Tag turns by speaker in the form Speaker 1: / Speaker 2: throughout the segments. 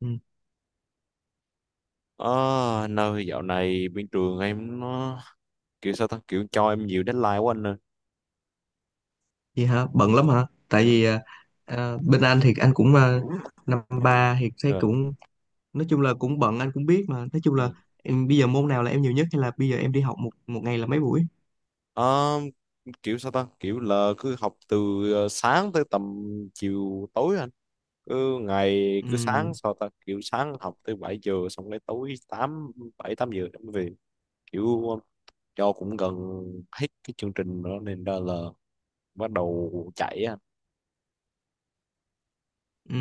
Speaker 1: Ừ.
Speaker 2: Ờ, Nơi dạo này bên trường em nó kiểu sao ta kiểu cho em nhiều deadline quá anh ơi.
Speaker 1: Vậy hả? Bận lắm hả? Tại
Speaker 2: Ừ.
Speaker 1: vì bên anh thì anh cũng năm ba thì thấy
Speaker 2: ờ,
Speaker 1: cũng nói chung là cũng bận, anh cũng biết, mà nói chung
Speaker 2: ừ.
Speaker 1: là em bây giờ môn nào là em nhiều nhất, hay là bây giờ em đi học một một ngày là mấy buổi?
Speaker 2: Ờ, kiểu sao ta kiểu là cứ học từ sáng tới tầm chiều tối anh. Cứ ngày
Speaker 1: Ừ.
Speaker 2: cứ sáng sao ta kiểu Sáng học tới 7 giờ, xong đến tối 7 8 giờ em về. Kiểu cho cũng gần hết cái chương trình đó nên ra là bắt đầu chạy á.
Speaker 1: Ừ.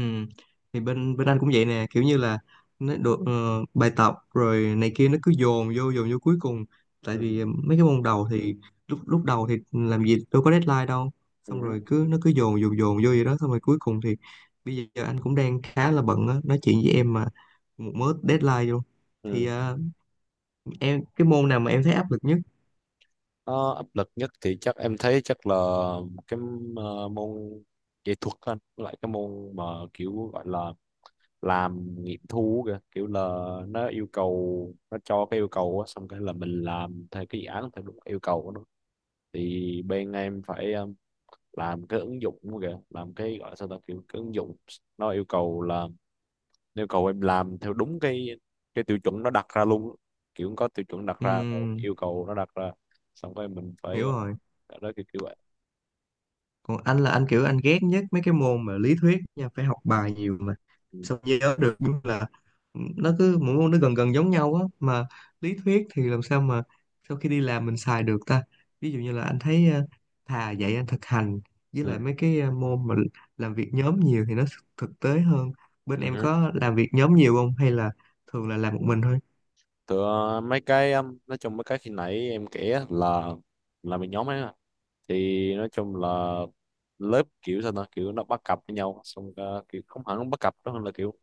Speaker 1: Thì bên bên anh cũng vậy nè, kiểu như là nó được bài tập rồi này kia, nó cứ dồn vô cuối cùng. Tại
Speaker 2: Ừ.
Speaker 1: vì mấy cái môn đầu thì lúc lúc đầu thì làm gì đâu có deadline đâu, xong rồi cứ nó cứ dồn dồn dồn vô vậy đó, xong rồi cuối cùng thì bây giờ anh cũng đang khá là bận á, nói chuyện với em mà một mớ deadline luôn. Thì
Speaker 2: Ừ.
Speaker 1: em cái môn nào mà em thấy áp lực nhất?
Speaker 2: Ờ, Áp lực nhất thì chắc em thấy chắc là cái môn nghệ thuật anh, với lại cái môn mà kiểu gọi là làm nghiệm thu kìa, kiểu là nó yêu cầu, nó cho cái yêu cầu á, xong cái là mình làm theo cái dự án theo đúng yêu cầu của nó. Thì bên em phải làm cái ứng dụng kìa, làm cái gọi là sao ta kiểu cái ứng dụng nó yêu cầu là, nó yêu cầu em làm theo đúng cái tiêu chuẩn nó đặt ra luôn, kiểu có tiêu chuẩn đặt ra,
Speaker 1: Ừm,
Speaker 2: yêu cầu nó đặt ra xong rồi mình phải.
Speaker 1: hiểu rồi.
Speaker 2: Đó, kiểu, kiểu vậy.
Speaker 1: Còn anh là anh kiểu anh ghét nhất mấy cái môn mà lý thuyết nha, phải học bài nhiều mà
Speaker 2: Ừ.
Speaker 1: sao nhớ được. Nhưng là ừ, nó cứ mỗi môn nó gần gần giống nhau á, mà lý thuyết thì làm sao mà sau khi đi làm mình xài được ta. Ví dụ như là anh thấy thà dạy anh thực hành, với lại
Speaker 2: Ừ.
Speaker 1: mấy cái môn mà làm việc nhóm nhiều thì nó thực tế hơn. Bên em
Speaker 2: Ừ.
Speaker 1: có làm việc nhóm nhiều không, hay là thường là làm một mình thôi?
Speaker 2: Tựa mấy cái nói chung mấy cái khi nãy em kể á là mình nhóm ấy mà. Thì nói chung là lớp kiểu sao ta kiểu nó bắt cặp với nhau xong, kiểu không hẳn bắt cặp đó hơn là kiểu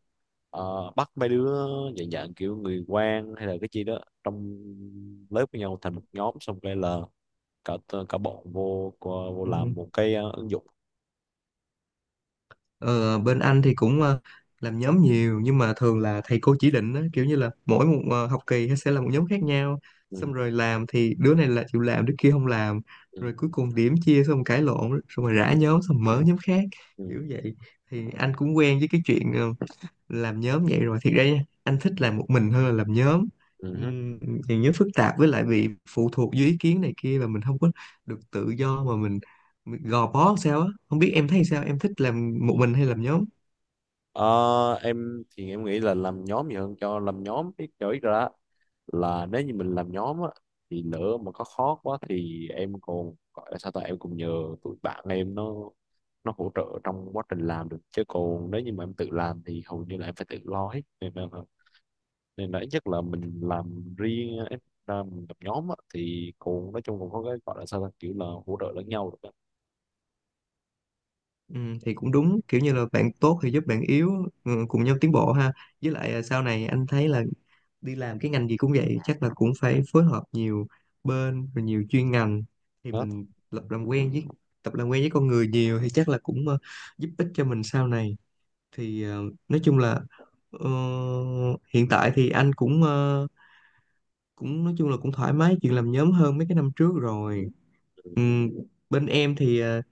Speaker 2: bắt mấy đứa dạng dạng kiểu người quen hay là cái gì đó trong lớp với nhau thành một nhóm, xong cái là cả cả bọn vô vô
Speaker 1: Ừ.
Speaker 2: làm một cái ứng dụng.
Speaker 1: Ờ, bên anh thì cũng làm nhóm nhiều, nhưng mà thường là thầy cô chỉ định á, kiểu như là mỗi một học kỳ sẽ là một nhóm khác nhau,
Speaker 2: Ừ.
Speaker 1: xong rồi làm thì đứa này là chịu làm, đứa kia không làm,
Speaker 2: Ừ.
Speaker 1: rồi cuối cùng điểm chia xong cãi lộn xong rồi rã nhóm xong mở nhóm khác,
Speaker 2: Ừ.
Speaker 1: kiểu vậy. Thì anh cũng quen với cái chuyện làm nhóm vậy rồi. Thiệt ra nha, anh thích làm một mình hơn là làm nhóm.
Speaker 2: Ừ.
Speaker 1: Ừm, Làm nhóm phức tạp, với lại bị phụ thuộc dưới ý kiến này kia, và mình không có được tự do mà mình gò bó làm sao á. Không biết em thấy sao, em thích làm một mình hay làm nhóm?
Speaker 2: Ờ, em thì em nghĩ là làm nhóm gì hơn cho làm nhóm cái chỗ ra á, là nếu như mình làm nhóm á thì lỡ mà có khó quá thì em còn gọi là sao ta, em cũng nhờ tụi bạn em nó hỗ trợ trong quá trình làm được. Chứ còn nếu như mà em tự làm thì hầu như là em phải tự lo hết, nên là ít nhất là mình làm riêng á, em ra mình làm nhóm á thì còn nói chung cũng có cái gọi là sao ta kiểu là hỗ trợ lẫn nhau được á.
Speaker 1: Ừ, thì cũng đúng, kiểu như là bạn tốt thì giúp bạn yếu, ừ, cùng nhau tiến bộ ha. Với lại à, sau này anh thấy là đi làm cái ngành gì cũng vậy, chắc là cũng phải phối hợp nhiều bên, rồi nhiều chuyên ngành, thì
Speaker 2: Đó.
Speaker 1: mình lập làm quen với tập làm quen với con người nhiều thì chắc là cũng giúp ích cho mình sau này. Thì nói chung là ờ, hiện tại thì anh cũng cũng nói chung là cũng thoải mái chuyện làm nhóm hơn mấy cái năm trước rồi. Ừm, bên em thì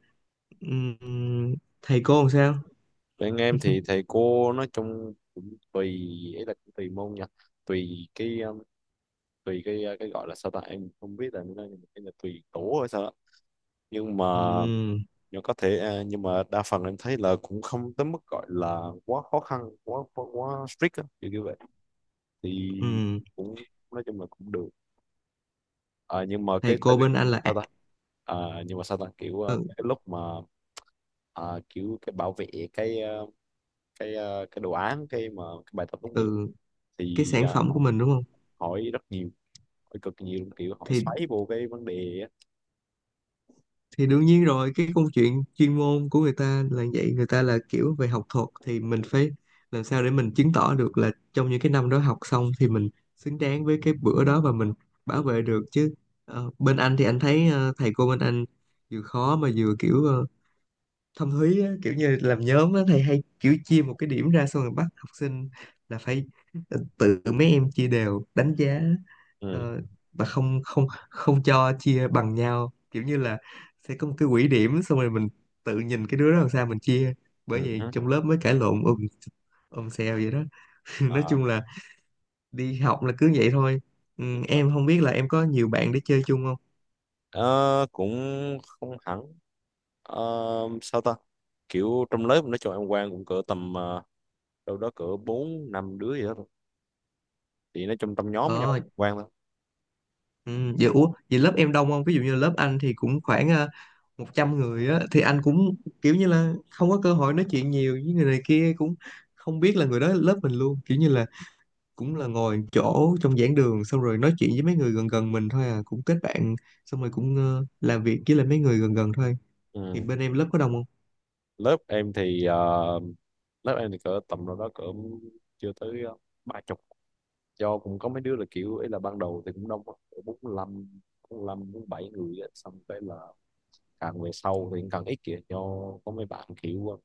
Speaker 1: ừm, thầy cô làm sao?
Speaker 2: Bên em thì thầy cô nói chung cũng tùy, ấy là cũng tùy môn nha, tùy cái um, tùy cái gọi là sao ta, em không biết là như thế nào, nhưng mà cái là tùy tổ hay sao đó. nhưng mà
Speaker 1: Ừ,
Speaker 2: nhưng có thể à, nhưng mà đa phần em thấy là cũng không tới mức gọi là quá khó khăn, quá quá, quá strict á kiểu như vậy thì
Speaker 1: ừ.
Speaker 2: cũng nói chung là cũng được. À, nhưng mà
Speaker 1: Thầy cô bên anh là
Speaker 2: sao ta, à, nhưng mà sao ta kiểu
Speaker 1: ừ,
Speaker 2: cái lúc mà à, kiểu cái bảo vệ cái uh, cái cái đồ án, cái mà cái bài tập tốt nghiệp
Speaker 1: ừ, cái
Speaker 2: thì
Speaker 1: sản
Speaker 2: à,
Speaker 1: phẩm của
Speaker 2: họ
Speaker 1: mình đúng không?
Speaker 2: hỏi rất nhiều, hỏi cực nhiều luôn, kiểu hỏi
Speaker 1: Thì
Speaker 2: xoáy vô cái vấn đề á.
Speaker 1: thì đương nhiên rồi, cái câu chuyện chuyên môn của người ta là vậy, người ta là kiểu về học thuật thì mình phải làm sao để mình chứng tỏ được là trong những cái năm đó học xong thì mình xứng đáng với cái bữa đó, và mình
Speaker 2: Ừ,
Speaker 1: bảo vệ được chứ. Ờ, bên anh thì anh thấy thầy cô bên anh vừa khó mà vừa kiểu thâm thúy á, kiểu như làm nhóm á, thầy hay kiểu chia một cái điểm ra, xong rồi bắt học sinh là phải tự mấy em chia đều đánh giá,
Speaker 2: ừ,
Speaker 1: ờ, và không không không cho chia bằng nhau, kiểu như là sẽ có một cái quỹ điểm, xong rồi mình tự nhìn cái đứa đó làm sao mình chia. Bởi
Speaker 2: ừ,
Speaker 1: vậy
Speaker 2: hứ.
Speaker 1: trong lớp mới cãi lộn ùm ùm xèo vậy đó. Nói
Speaker 2: Ờ,
Speaker 1: chung là đi học là cứ vậy thôi. Ừ, em không biết là em có nhiều bạn để chơi chung không.
Speaker 2: ờ, cũng không hẳn. Ờ, Sao ta, kiểu trong lớp nói chung em quen cũng cỡ tầm đâu đó cỡ bốn năm đứa gì đó thôi, thì nói chung trong nhóm với nhau
Speaker 1: Ờ.
Speaker 2: quen thôi.
Speaker 1: Ừ, vậy, ủa, vậy lớp em đông không? Ví dụ như lớp anh thì cũng khoảng 100 người á, thì anh cũng kiểu như là không có cơ hội nói chuyện nhiều với người này kia, cũng không biết là người đó lớp mình luôn. Kiểu như là cũng là ngồi chỗ trong giảng đường, xong rồi nói chuyện với mấy người gần gần mình thôi à, cũng kết bạn, xong rồi cũng làm việc với lại mấy người gần gần thôi. Thì
Speaker 2: Ừ.
Speaker 1: bên em lớp có đông không?
Speaker 2: Lớp em thì cỡ tầm đâu đó cỡ chưa tới ba chục, do cũng có mấy đứa là kiểu ấy là ban đầu thì cũng đông á, cỡ 45, bốn lăm bốn bảy người á, xong cái là càng về sau thì càng ít kìa. Cho có mấy bạn kiểu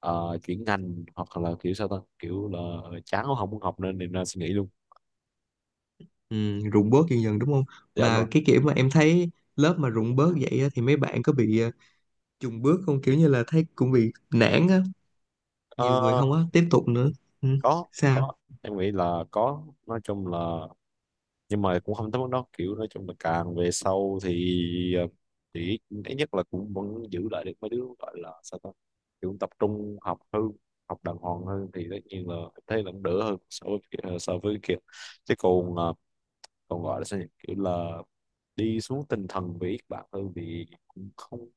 Speaker 2: chuyển ngành hoặc là kiểu sao ta kiểu là chán không muốn học nên nên suy nghĩ luôn.
Speaker 1: Ừ, rụng bớt dần dần đúng không?
Speaker 2: Dạ đúng
Speaker 1: Mà
Speaker 2: rồi.
Speaker 1: cái kiểu mà em thấy lớp mà rụng bớt vậy á, thì mấy bạn có bị chùng bước không? Kiểu như là thấy cũng bị nản á, nhiều người
Speaker 2: Ờ,
Speaker 1: không có tiếp tục nữa. Ừ.
Speaker 2: có
Speaker 1: Sao.
Speaker 2: có em nghĩ là có, nói chung là, nhưng mà cũng không tới mức đó, kiểu nói chung là càng về sau thì ờ, thì ít nhất là cũng vẫn giữ lại được mấy đứa gọi là sao ta kiểu tập trung học hơn, học đàng hoàng hơn, thì tất nhiên là em thấy là cũng đỡ hơn so với so với kia. Chứ còn còn gọi là sao nhỉ, kiểu là đi xuống tinh thần về Yết bạn hơn thì cũng không,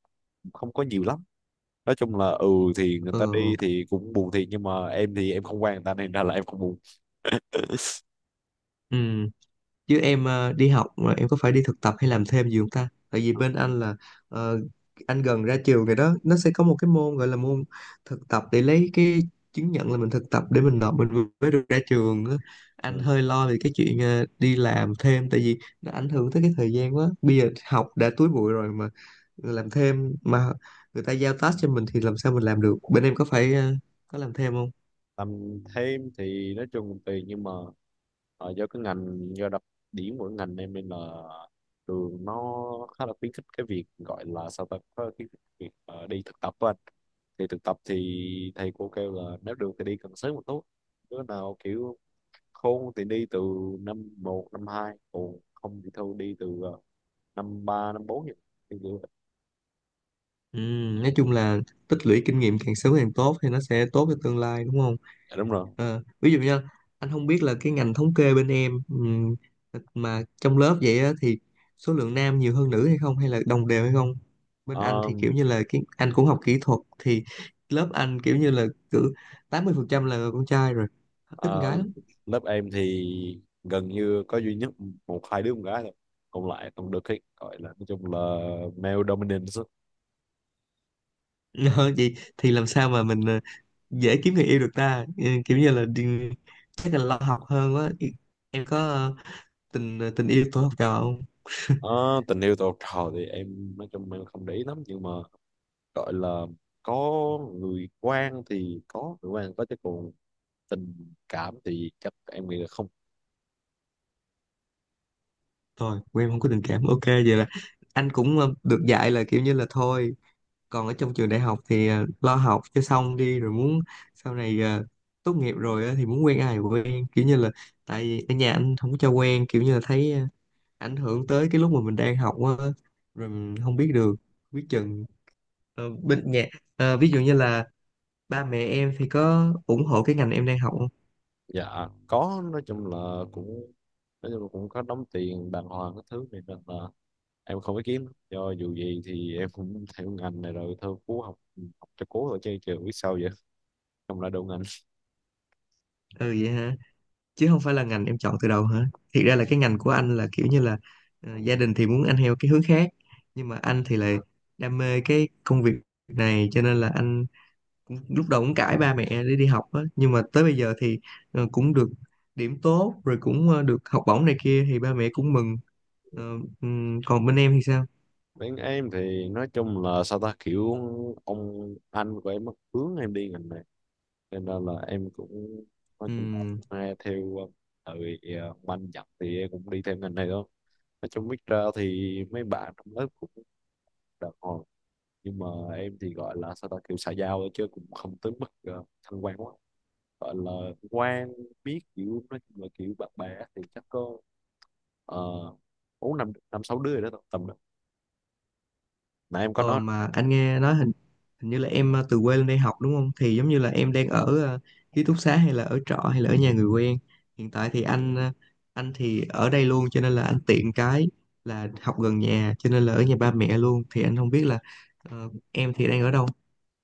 Speaker 2: không có nhiều lắm, nói chung là. Ừ, thì người
Speaker 1: Ờ.
Speaker 2: ta đi thì cũng buồn thiệt, nhưng mà em thì em không quen người ta nên ra là em không buồn.
Speaker 1: Ừ. Chứ em ờ, đi học mà em có phải đi thực tập hay làm thêm gì không ta? Tại vì bên anh là ờ, anh gần ra trường rồi đó, nó sẽ có một cái môn gọi là môn thực tập để lấy cái chứng nhận là mình thực tập để mình nộp mình vừa mới được ra trường á. Anh
Speaker 2: Ừ.
Speaker 1: hơi lo về cái chuyện đi làm thêm, tại vì nó ảnh hưởng tới cái thời gian quá, bây giờ học đã túi bụi rồi mà làm thêm mà người ta giao task cho mình thì làm sao mình làm được. Bên em có phải có làm thêm không?
Speaker 2: Làm thêm thì nói chung cũng tùy, nhưng mà do cái ngành, do đặc điểm của ngành em nên là trường nó khá là khuyến khích cái việc gọi là sao ta, có khuyến khích việc đi thực tập với anh. Thì thực tập thì thầy cô kêu là nếu được thì đi càng sớm một tốt, đứa nào kiểu khôn thì đi từ năm một năm hai, còn không thì thôi đi từ năm 3 năm 4 vậy. Thì kiểu-
Speaker 1: Ừ, nói chung là tích lũy kinh nghiệm càng sớm càng tốt thì nó sẽ tốt cho tương lai đúng không?
Speaker 2: dạ, đúng rồi.
Speaker 1: Ờ, ví dụ nha, anh không biết là cái ngành thống kê bên em mà trong lớp vậy á, thì số lượng nam nhiều hơn nữ hay không, hay là đồng đều hay không? Bên anh thì
Speaker 2: Ờm,
Speaker 1: kiểu như là cái anh cũng học kỹ thuật thì lớp anh kiểu như là cứ 80% là con trai rồi, ít con
Speaker 2: ờ,
Speaker 1: gái lắm.
Speaker 2: Lớp em thì gần như có duy nhất một hai đứa con gái thôi, còn lại toàn được cái gọi là nói chung là male dominance á.
Speaker 1: Ờ, vậy thì làm sao mà mình dễ kiếm người yêu được ta? Ừ, kiểu như là đi- chắc là lo học hơn quá. Em có tình tình yêu tôi học trò không?
Speaker 2: Ờ, Tình yêu tuổi học trò thì em nói chung em không để ý lắm, nhưng mà gọi là có người quan thì có người quan có, chứ còn tình cảm thì chắc em nghĩ là không.
Speaker 1: Thôi của em không có tình cảm, ok vậy là anh cũng được dạy là kiểu như là thôi còn ở trong trường đại học thì lo học cho xong đi, rồi muốn sau này tốt nghiệp rồi á thì muốn quen ai thì quen, kiểu như là tại vì ở nhà anh không có cho quen, kiểu như là thấy ảnh hưởng tới cái lúc mà mình đang học á, rồi mình không biết được biết chừng. Ờ, bên nhà ví dụ như là ba mẹ em thì có ủng hộ cái ngành em đang học không?
Speaker 2: Dạ có, nói chung là cũng nói chung là cũng có đóng tiền đàng hoàng cái thứ này nên là em không có kiếm do, dù gì thì em cũng theo ngành này rồi thôi cố học, học cho cố rồi chơi trường biết sao vậy, không lại đậu ngành.
Speaker 1: Ừ vậy hả? Chứ không phải là ngành em chọn từ đầu hả? Thiệt ra là cái ngành của anh là kiểu như là gia đình thì muốn anh theo cái hướng khác, nhưng mà anh thì lại đam mê cái công việc này, cho nên là anh cũng, lúc đầu cũng cãi ba mẹ để đi học á, nhưng mà tới bây giờ thì cũng được điểm tốt rồi, cũng được học bổng này kia thì ba mẹ cũng mừng. Ờ, còn bên em thì sao?
Speaker 2: Bên em thì nói chung là sao ta kiểu ông anh của em mất hướng em đi ngành này cho nên là em cũng nói chung là nghe theo tại vì ông anh dặn thì em cũng đi theo ngành này thôi. Nói chung biết ra thì mấy bạn trong lớp cũng đàng hoàng, nhưng mà em thì gọi là sao ta kiểu xã giao thôi chứ cũng không tới mức thân quen quá, gọi là quan biết kiểu nói chung là kiểu bạn bè á thì chắc có uh, bốn năm năm sáu đứa rồi đó tầm đó, nãy em có
Speaker 1: Ờ
Speaker 2: nói.
Speaker 1: mà anh nghe nói hình hình như là em từ quê lên đây học đúng không? Thì giống như là em đang ở ký túc xá, hay là ở trọ, hay là ở nhà người quen. Hiện tại thì anh anh thì ở đây luôn, cho nên là anh tiện cái là học gần nhà, cho nên là ở nhà ba mẹ luôn. Thì anh không biết là em thì đang ở đâu.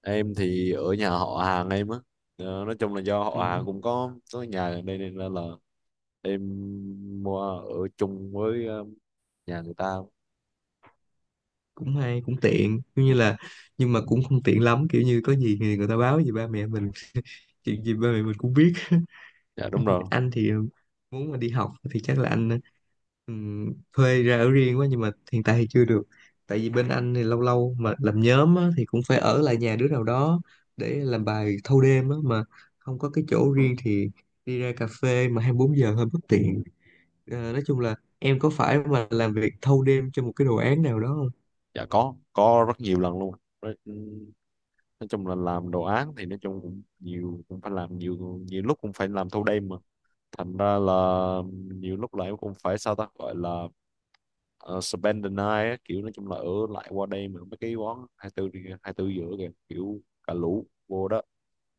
Speaker 2: Em thì ở nhà họ hàng em á. Nói chung là do
Speaker 1: Ừ,
Speaker 2: họ hàng cũng có nhà ở đây nên là em mua ở chung với nhà người ta.
Speaker 1: cũng hay cũng tiện giống
Speaker 2: Ừ,
Speaker 1: như là nhưng mà cũng không tiện lắm, kiểu như có gì thì người ta báo gì ba mẹ mình, chuyện gì ba mẹ mình cũng biết.
Speaker 2: dạ đúng rồi.
Speaker 1: Anh thì muốn mà đi học thì chắc là anh ừm, thuê ra ở riêng quá, nhưng mà hiện tại thì chưa được, tại vì bên anh thì lâu lâu mà làm nhóm á, thì cũng phải ở lại nhà đứa nào đó để làm bài thâu đêm á, mà không có cái chỗ riêng thì đi ra cà phê mà 24 giờ hơi bất tiện. Ờ, nói chung là em có phải mà làm việc thâu đêm cho một cái đồ án nào đó không?
Speaker 2: Dạ có rất nhiều lần luôn. Đấy, ừ, nói chung là làm đồ án thì nói chung cũng nhiều cũng phải làm nhiều, nhiều lúc cũng phải làm thâu đêm, mà thành ra là nhiều lúc lại em cũng phải sao ta gọi là spend the night á, kiểu nói chung là ở lại qua đây. Mà mấy cái quán 24 đi- 24 giữa kìa, kiểu cả lũ vô đó,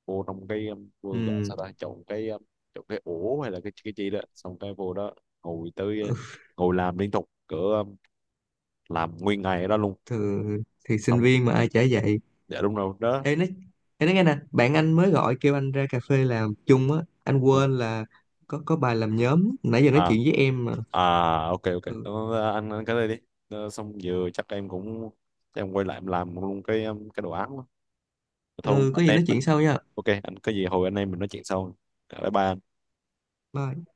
Speaker 2: vô trong cái vô gọi
Speaker 1: Ừ,
Speaker 2: sao ta chọn cái ổ hay là cái gì đó, xong cái vô đó ngồi tới
Speaker 1: ừ.
Speaker 2: ngồi làm liên tục cỡ làm nguyên ngày ở đó luôn.
Speaker 1: Thì, thì sinh
Speaker 2: Xong
Speaker 1: viên mà ai chả vậy.
Speaker 2: dạ đúng rồi đó.
Speaker 1: Ê, nói ê, nói nghe nè, bạn anh mới gọi kêu anh ra cà phê làm chung á, anh
Speaker 2: Ừ.
Speaker 1: quên là có bài làm nhóm, nãy giờ nói
Speaker 2: À.
Speaker 1: chuyện với em mà.
Speaker 2: À, ok ok.
Speaker 1: Ừ,
Speaker 2: Ờ, anh ăn cái đây đi. Xong giờ chắc em cũng quay lại em làm luôn cái đồ án đó. Thôi
Speaker 1: ừ
Speaker 2: anh
Speaker 1: có gì
Speaker 2: em
Speaker 1: nói
Speaker 2: mình.
Speaker 1: chuyện sau nha.
Speaker 2: Ok anh, có gì hồi anh em mình nói chuyện sau. Bye bye.
Speaker 1: Bye.